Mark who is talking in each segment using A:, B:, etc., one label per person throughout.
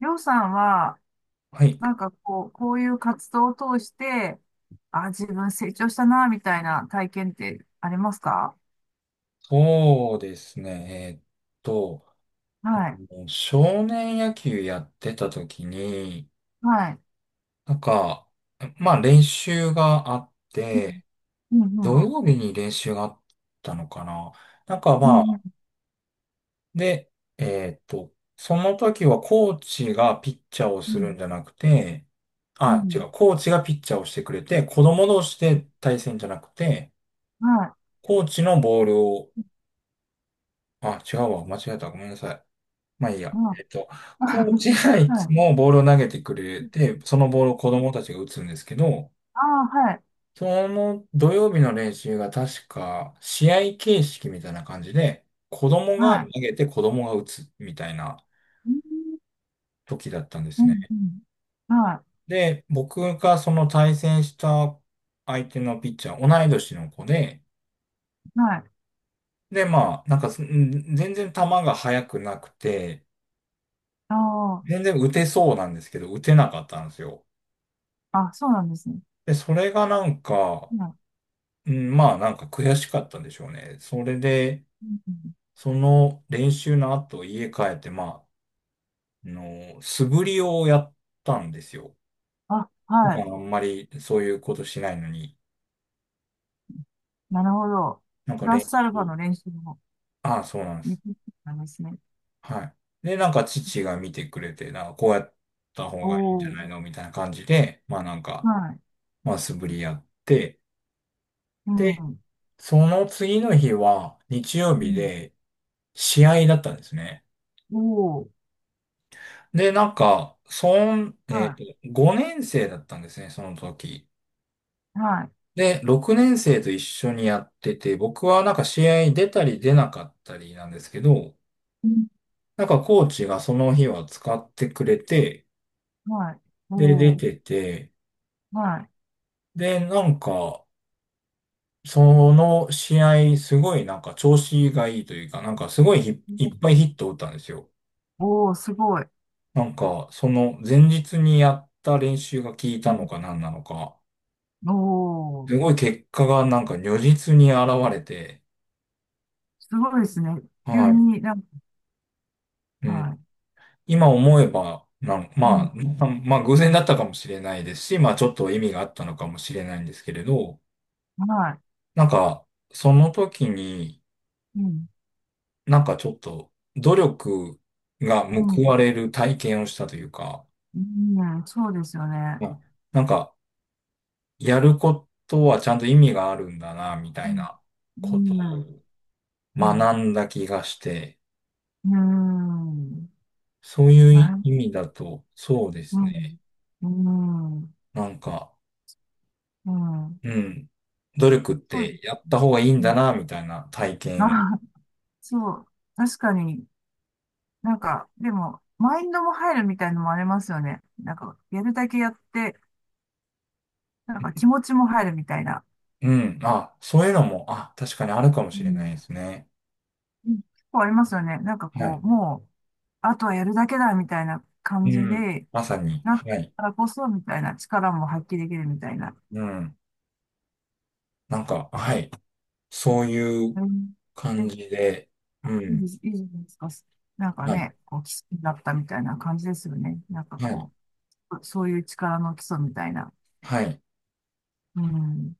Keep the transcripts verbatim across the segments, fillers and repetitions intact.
A: りょうさんは、
B: はい。
A: なんかこう、こういう活動を通して、あ、自分成長したな、みたいな体験ってありますか？
B: そうですね。えーっと、
A: はい。
B: もう少年野球やってた時に、
A: はい。
B: なんか、まあ練習があっ
A: う
B: て、
A: ん、う
B: 土
A: ん、
B: 曜日に練習があったのかな。なんか
A: う
B: ま
A: ん、う
B: あ、
A: ん、
B: で、えーっと、その時はコーチがピッチャーを
A: う
B: する
A: ん、
B: んじゃなくて、
A: う
B: あ、違
A: ん、
B: う、コーチがピッチャーをしてくれて、子供同士で対戦じゃなくて、
A: は
B: コーチのボールを、あ、違うわ、間違えた、ごめんなさい。まあいい
A: い、
B: や。
A: は
B: えっ
A: い。
B: と、コーチがいつもボールを投げてく れ
A: うん、はい。
B: て、そのボールを子供たちが打つんですけど、
A: ああ、はい。
B: その土曜日の練習が確か試合形式みたいな感じで、子供が
A: は
B: 投
A: い。
B: げて子供が打つみたいな
A: うん、
B: 時だったんで
A: う
B: すね。
A: ん、うん、は
B: で、僕がその対戦した相手のピッチャー、同い年の子で、
A: い。はい。
B: で、まあ、なんかすん全然球が速くなくて、
A: あ
B: 全然打てそうなんですけど、打てなかったんですよ。
A: あ、あ、そうなんですね。
B: で、それがなんか、
A: はい。
B: うん、まあなんか悔しかったんでしょうね。それで、
A: うんうん、
B: その練習の後家帰って、まあ、あの、素振りをやったんですよ。
A: あ、
B: 普
A: は
B: 段
A: い。
B: あんまりそういうことしないのに、
A: なるほど。
B: なん
A: プ
B: か
A: ラ
B: 練
A: スアルファ
B: 習。
A: の練習も、
B: ああ、そうなんで
A: いい
B: す。
A: なんですね。
B: はい。で、なんか父が見てくれて、なんかこうやった方
A: お
B: がいいんじゃ
A: お。
B: ないのみたいな感じで、まあなんか、
A: はい。
B: まあ素振りやって、
A: う
B: で、
A: ん。
B: その次の日は日曜
A: う
B: 日
A: ん。
B: で試合だったんですね。
A: おー。
B: で、なんか、そん、えっ
A: は
B: と、ごねん生だったんですね、その時。
A: い。はい。
B: で、ろくねん生と一緒にやってて、僕はなんか試合に出たり出なかったりなんですけど、
A: うん。
B: なんかコーチがその日は使ってくれて、
A: はい。
B: で、出
A: おー。
B: てて、
A: はい。
B: で、なんか、その試合、すごいなんか調子がいいというか、なんかすごいひいっぱいヒットを打ったんですよ。
A: おおー、すごい。
B: なんか、その前日にやった練習が効い
A: う
B: た
A: ん。
B: のか何なのか。
A: お
B: す
A: ー。
B: ごい結果がなんか如実に現れて、
A: すごいですね。急
B: はい。
A: になんか、
B: う
A: は
B: ん。
A: い。
B: 今思えば、なん
A: うん。
B: まあ、まあ、まあ偶然だったかもしれないですし、まあちょっと意味があったのかもしれないんですけれど、
A: は
B: なんか、その時に、
A: い。うん。
B: なんかちょっと努力が
A: う
B: 報わ
A: ん。
B: れる体験をしたというか、
A: うん。そうですよね。
B: まあなんか、やることはちゃんと意味があるんだな、みた
A: う
B: い
A: ん。
B: なこと
A: うん。
B: を
A: うん。
B: 学んだ気がして、
A: うん。
B: そうい
A: な
B: う
A: る、
B: 意味だと、そうで
A: う
B: すね。
A: ん。うん。
B: なんか、
A: うん。
B: うん、努力っ
A: そうで
B: てやっ
A: すね。
B: た方がいいん
A: う
B: だ
A: ん。
B: な、みたいな体験。
A: あ、そう。確かに、なんか、でも、マインドも入るみたいのもありますよね。なんか、やるだけやって、なんか気持ちも入るみたいな。
B: うん、あ、そういうのも、あ、確かにあるかも
A: う
B: しれないで
A: ん。
B: すね。
A: うん、結構ありますよね。なんか
B: は
A: こ
B: い。
A: う、もう、あとはやるだけだみたいな
B: う
A: 感じ
B: ん、
A: で、
B: まさに、
A: なった
B: はい。
A: からこそみたいな力も発揮できるみたいな。
B: うん、なんか、はい。そういう
A: うん、で、
B: 感じで、
A: あ、
B: う
A: いいで
B: ん、
A: す、いいじゃないですか。なんか
B: はい、
A: ね、こう、基礎になったみたいな感じですよね。なんか
B: はい、
A: こう、そういう力の基礎みたいな。
B: はい。
A: うん。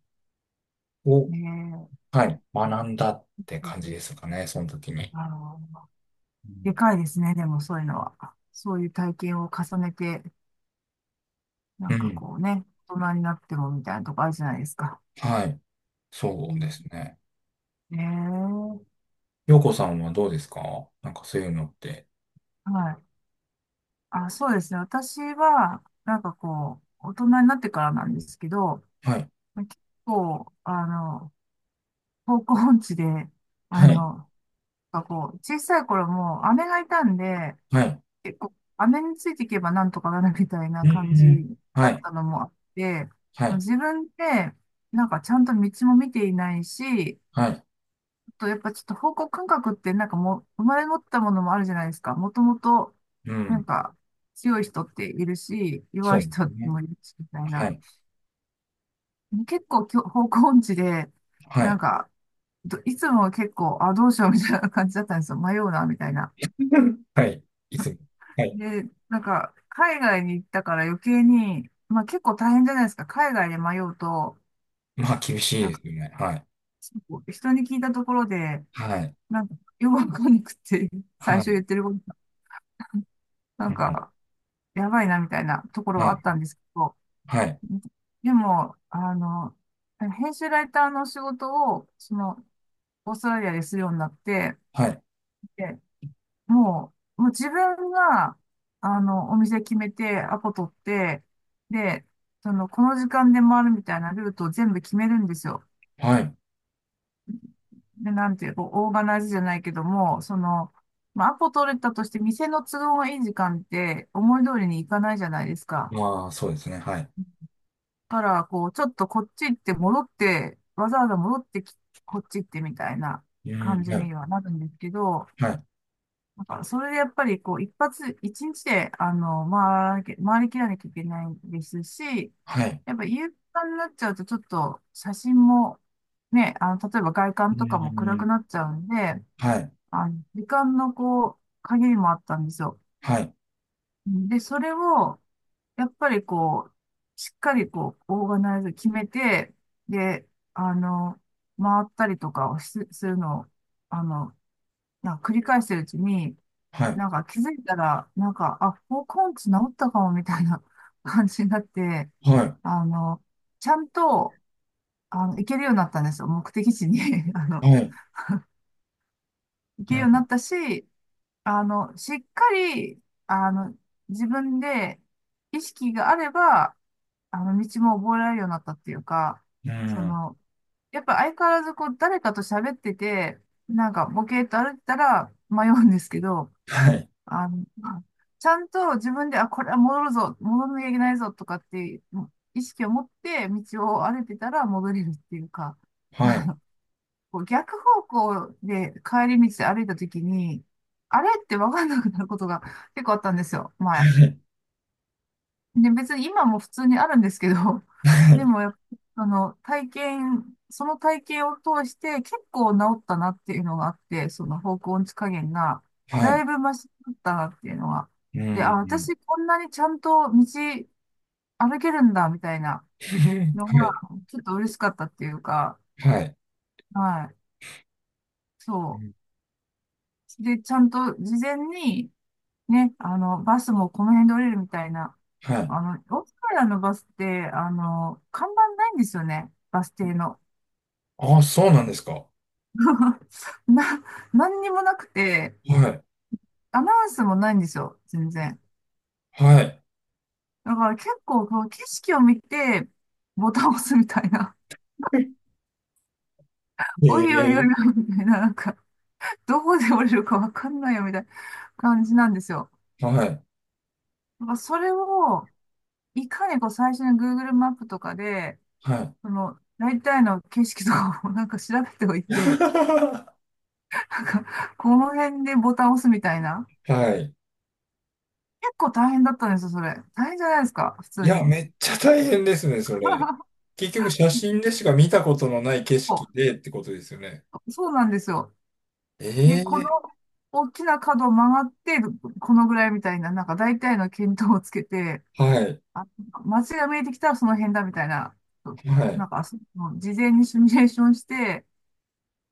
B: を、
A: ねえ。
B: はい、学んだって
A: う
B: 感じ
A: ん、
B: ですかね、その時に。
A: あの
B: う
A: で
B: ん、
A: かいですね、でもそういうのは。そういう体験を重ねて、な
B: う
A: んか
B: ん
A: こうね、大人になってもみたいなとこあるじゃないですか。
B: はい、
A: う
B: そうです
A: ん。
B: ね。
A: ええ、
B: 洋子さんはどうですかなんかそういうのって。
A: はい。あ、そうですね。私は、なんかこう、大人になってからなんですけど、
B: はい、
A: 結構、あの、方向音痴で、あ
B: はい、
A: の、なんかこう、小さい頃も姉がいたんで、
B: はい。
A: 結構、飴についていけばなんとかなるみたいな
B: え
A: 感じ
B: え
A: だ
B: は
A: っ
B: い、
A: たのもあって、
B: はい、
A: 自分って、なんかちゃんと道も見ていないし、
B: はい。
A: あとやっぱちょっと方向感覚ってなんかもう生まれ持ったものもあるじゃないですか。もともと、
B: う
A: なん
B: ん。
A: か強い人っているし、
B: そ
A: 弱
B: う
A: い
B: です
A: 人
B: ね。
A: もいるし、みたい
B: は
A: な。
B: い、
A: 結構きょ方向音痴で、
B: は
A: な
B: い。
A: んか、どいつも結構、あ、どうしようみたいな感じだったんですよ。迷うな、みたいな。
B: はい。いつも。はい。
A: で、なんか、海外に行ったから余計に、まあ結構大変じゃないですか。海外で迷うと、
B: まあ、厳しい
A: なん
B: で
A: か、
B: すよね。はい、
A: 人に聞いたところで、
B: はい、
A: なんか、よくわかんなくて、最
B: は
A: 初
B: い。
A: 言ってることが、な
B: う
A: ん
B: ん、
A: か、やばいなみたいなところ
B: は
A: はあっ
B: い、
A: たんですけど、
B: はい、
A: でも、あの、編集ライターの仕事を、その、オーストラリアでするようになって、
B: はい、
A: で、もう、もう自分が、あの、お店決めて、アポ取って、で、その、この時間で回るみたいなルートを全部決めるんですよ。
B: はい。
A: で、なんていう、こうオーガナイズじゃないけども、その、まあ、アポ取れたとして、店の都合がいい時間って、思い通りにいかないじゃないですか。
B: まあ、そうですね。はい。
A: だから、こう、ちょっとこっち行って戻って、わざわざ戻ってき、こっち行ってみたいな
B: う
A: 感
B: ん、
A: じ
B: は
A: に
B: い、
A: はなるんですけど、
B: はい、
A: なんから、それでやっぱり、こう、一発、いちにちで、あの、回り、回りきらなきゃいけないですし、
B: はい。
A: やっぱ夕方になっちゃうと、ちょっと写真も、ね、あの、例えば外
B: う
A: 観とかも暗く
B: ん、
A: なっちゃうんで、
B: はい、
A: あの、時間のこう、限りもあったんですよ。
B: はい、
A: で、それを、やっぱりこう、しっかりこう、オーガナイズ決めて、で、あの、回ったりとかをしするのを、あの、なんか繰り返してるうちに、
B: はい、
A: なんか気づいたら、なんか、あ、方根治治ったかもみたいな 感じになって、
B: はい、
A: あの、ちゃんと、あの、行けるようになったんですよ。目的地に あ
B: は
A: の、
B: い。
A: 行
B: う
A: けるようにな
B: ん、
A: ったし、あの、しっかり、あの、自分で意識があれば、あの、道も覚えられるようになったっていうか、
B: う
A: そ
B: ん、
A: の、やっぱ相変わらずこう、誰かと喋ってて、なんか、ボケーっと歩いてたら迷うんですけど、
B: はい、
A: あの、ちゃんと自分で、あ、これは戻るぞ、戻んなきゃいけないぞとかっていう意識を持って道を歩いてたら戻れるっていうか、
B: はい、
A: こう逆方向で帰り道で歩いた時に、あれって分かんなくなることが結構あったんですよ、前。
B: はい、
A: で、別に今も普通にあるんですけど、でもやっぱ、あの、体験、その体験を通して結構治ったなっていうのがあって、その方向音痴加減が、
B: は
A: だ
B: い。
A: いぶマシだったなっていうのが。
B: う
A: で、あ、
B: ん、
A: 私こんなにちゃんと道歩けるんだみたいな
B: は
A: のが、
B: い、
A: ちょっと嬉しかったっていうか、
B: はい。
A: はい、
B: う
A: そ
B: ん
A: う。で、ちゃんと事前に、ね、あの、バスもこの辺で降りるみたいな。
B: はいはいはいうんはいはいはいはいはいうんうんはいはいはいはいうんはいはいはい、
A: あの、オーストラリアのバスって、あの、看板ないんですよね、バス停の。
B: ああ、そうなんですか。
A: な、何にもなくて、
B: はい。
A: アナウンスもないんですよ、全然。
B: はい。
A: だから結構、こう、景色を見て、ボタンを押すみたいな。おいおいおいおい、
B: ええ
A: みたいな、なんか、どこで降りるかわかんないよ、みたいな感じなんですよ。
B: はい。
A: だからそれを、いかにこう、最初に Google マップとかで、
B: はい。
A: その、大体の景色とかをなんか調べておい て、なんか、この辺でボタンを押すみたいな。
B: はい。
A: 結構大変だったんですよ、それ。大変じゃないですか、普
B: い
A: 通
B: や、
A: に。
B: めっちゃ大変ですね、それ。結局、写真でしか見たことのない景色
A: そ
B: でってことですよね。
A: うそう、なんですよ。で、この
B: ええ
A: 大きな角を曲がって、このぐらいみたいな、なんか大体の見当をつけて、
B: はい。
A: あ、街が見えてきたらその辺だみたいな、
B: はい。
A: なんか、その事前にシミュレーションして、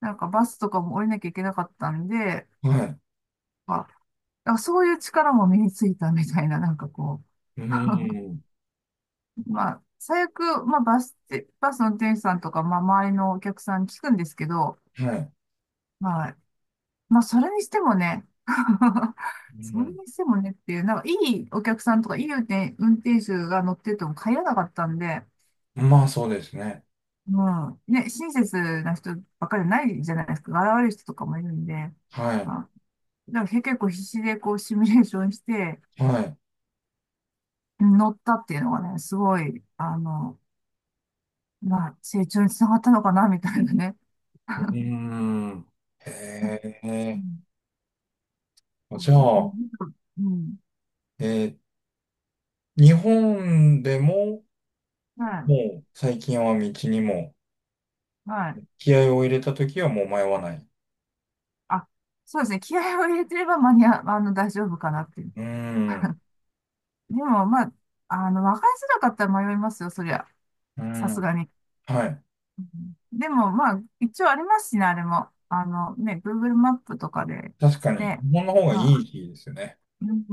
A: なんかバスとかも降りなきゃいけなかったんで、
B: はい。
A: まあ、だからそういう力も身についたみたいな、なんかこう、
B: うん。
A: まあ、最悪、まあ、バスで、バスの運転手さんとか、まあ、周りのお客さんに聞くんですけど、
B: はい。
A: まあ、まあ、それにしてもね、そ
B: う
A: れ
B: ん。
A: にしてもねっていう、なんか、いいお客さんとか、いい運転、運転手が乗ってても帰らなかったんで、
B: まあ、そうですね。
A: もう、ね、親切な人ばっかりじゃないじゃないですか。現れる人とかもいるんで、
B: はい。
A: まあ、だから結構必死でこう、シミュレーションして、
B: は
A: 乗ったっていうのがね、すごい、あの、まあ、成長につながったのかな、みたいなね。
B: い。う ん。へ
A: う
B: え。
A: んう
B: じゃ
A: ん
B: あ、
A: うん。
B: えー日本でも、
A: は
B: もう最近は道にも、
A: い。はい。
B: 気合を入れた時はもう迷わない。
A: あ、そうですね。気合を入れてれば間に合う、あの、大丈夫かなっていう。
B: うーん。
A: でも、まあ、あの、わかりづらかったら迷いますよ、そりゃ。
B: う
A: さすが
B: ん。
A: に。
B: はい。
A: うん、でも、まあ、一応ありますしね、あれも。あの、ね、Google マップとかで。
B: 確かに、日
A: ね。
B: 本の方がい
A: まあ、
B: いですよね。
A: うん。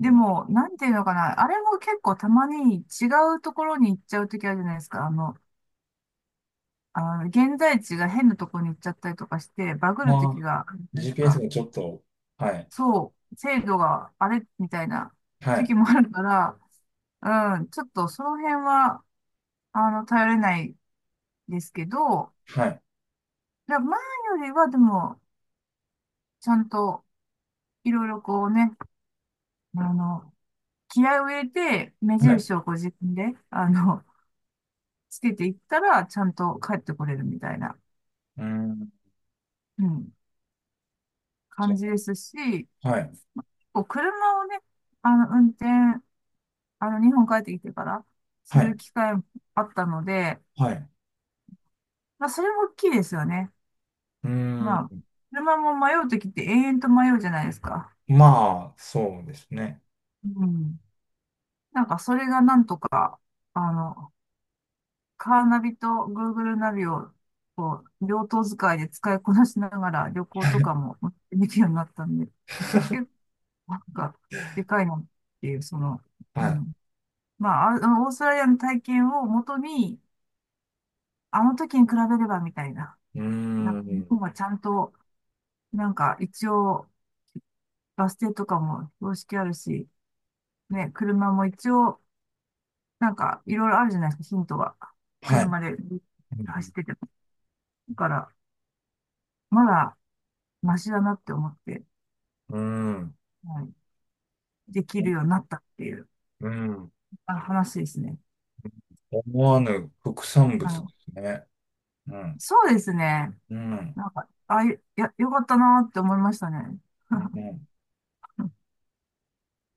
B: うん。
A: も、なんていうのかな。あれも結構たまに違うところに行っちゃうときあるじゃないですか。あの、あの現在地が変なところに行っちゃったりとかして、バグるとき
B: まあ、
A: があるじゃないです
B: ジーピーエス
A: か。
B: がちょっと、はい。
A: そう、制度があれみたいな
B: はい。
A: 時もあるから、うん、ちょっとその辺は、あの、頼れないですけど、
B: はい。
A: だ前よりはでも、ちゃんといろいろこうね、あの、気合を入れて、目
B: はい。う
A: 印をこう自分で、あの、つけていったら、ちゃんと帰ってこれるみたいな、
B: ーん。
A: うん、
B: そ
A: 感じですし、
B: う。はい。
A: こう車をね、あの、運転、あの、日本帰ってきてから、す
B: は
A: る
B: い。
A: 機会もあったので、
B: はい。
A: まあ、それも大きいですよね。
B: うー
A: まあ、
B: ん。
A: 車も迷うときって永遠と迷うじゃないですか。
B: まあ、そうですね。
A: うん。なんかそれがなんとか、あの、カーナビと Google ナビを、こう、両頭使いで使いこなしながら旅行とかもできるようになったんで、結 構なんか、でかいなっていう、その、う
B: は
A: ん。まあ、あのオーストラリアの体験をもとに、あの時に比べればみたいな、
B: い。うー
A: なんか日
B: ん。
A: 本はちゃんと、なんか一応、バス停とかも標識あるし、ね、車も一応、なんか、いろいろあるじゃないですか、ヒントが。
B: はい。
A: 車で
B: う
A: 走
B: ん。
A: ってても。だから、まだ、マシだなって思って、
B: うーん。
A: はい、できるようになったっていう
B: うん。
A: あ話ですね。
B: 思わぬ副産
A: あ
B: 物で
A: の、
B: すね。うん。
A: そうですね。
B: うん。
A: なんか、あ、いや、よかったなって思いましたね。
B: う ん。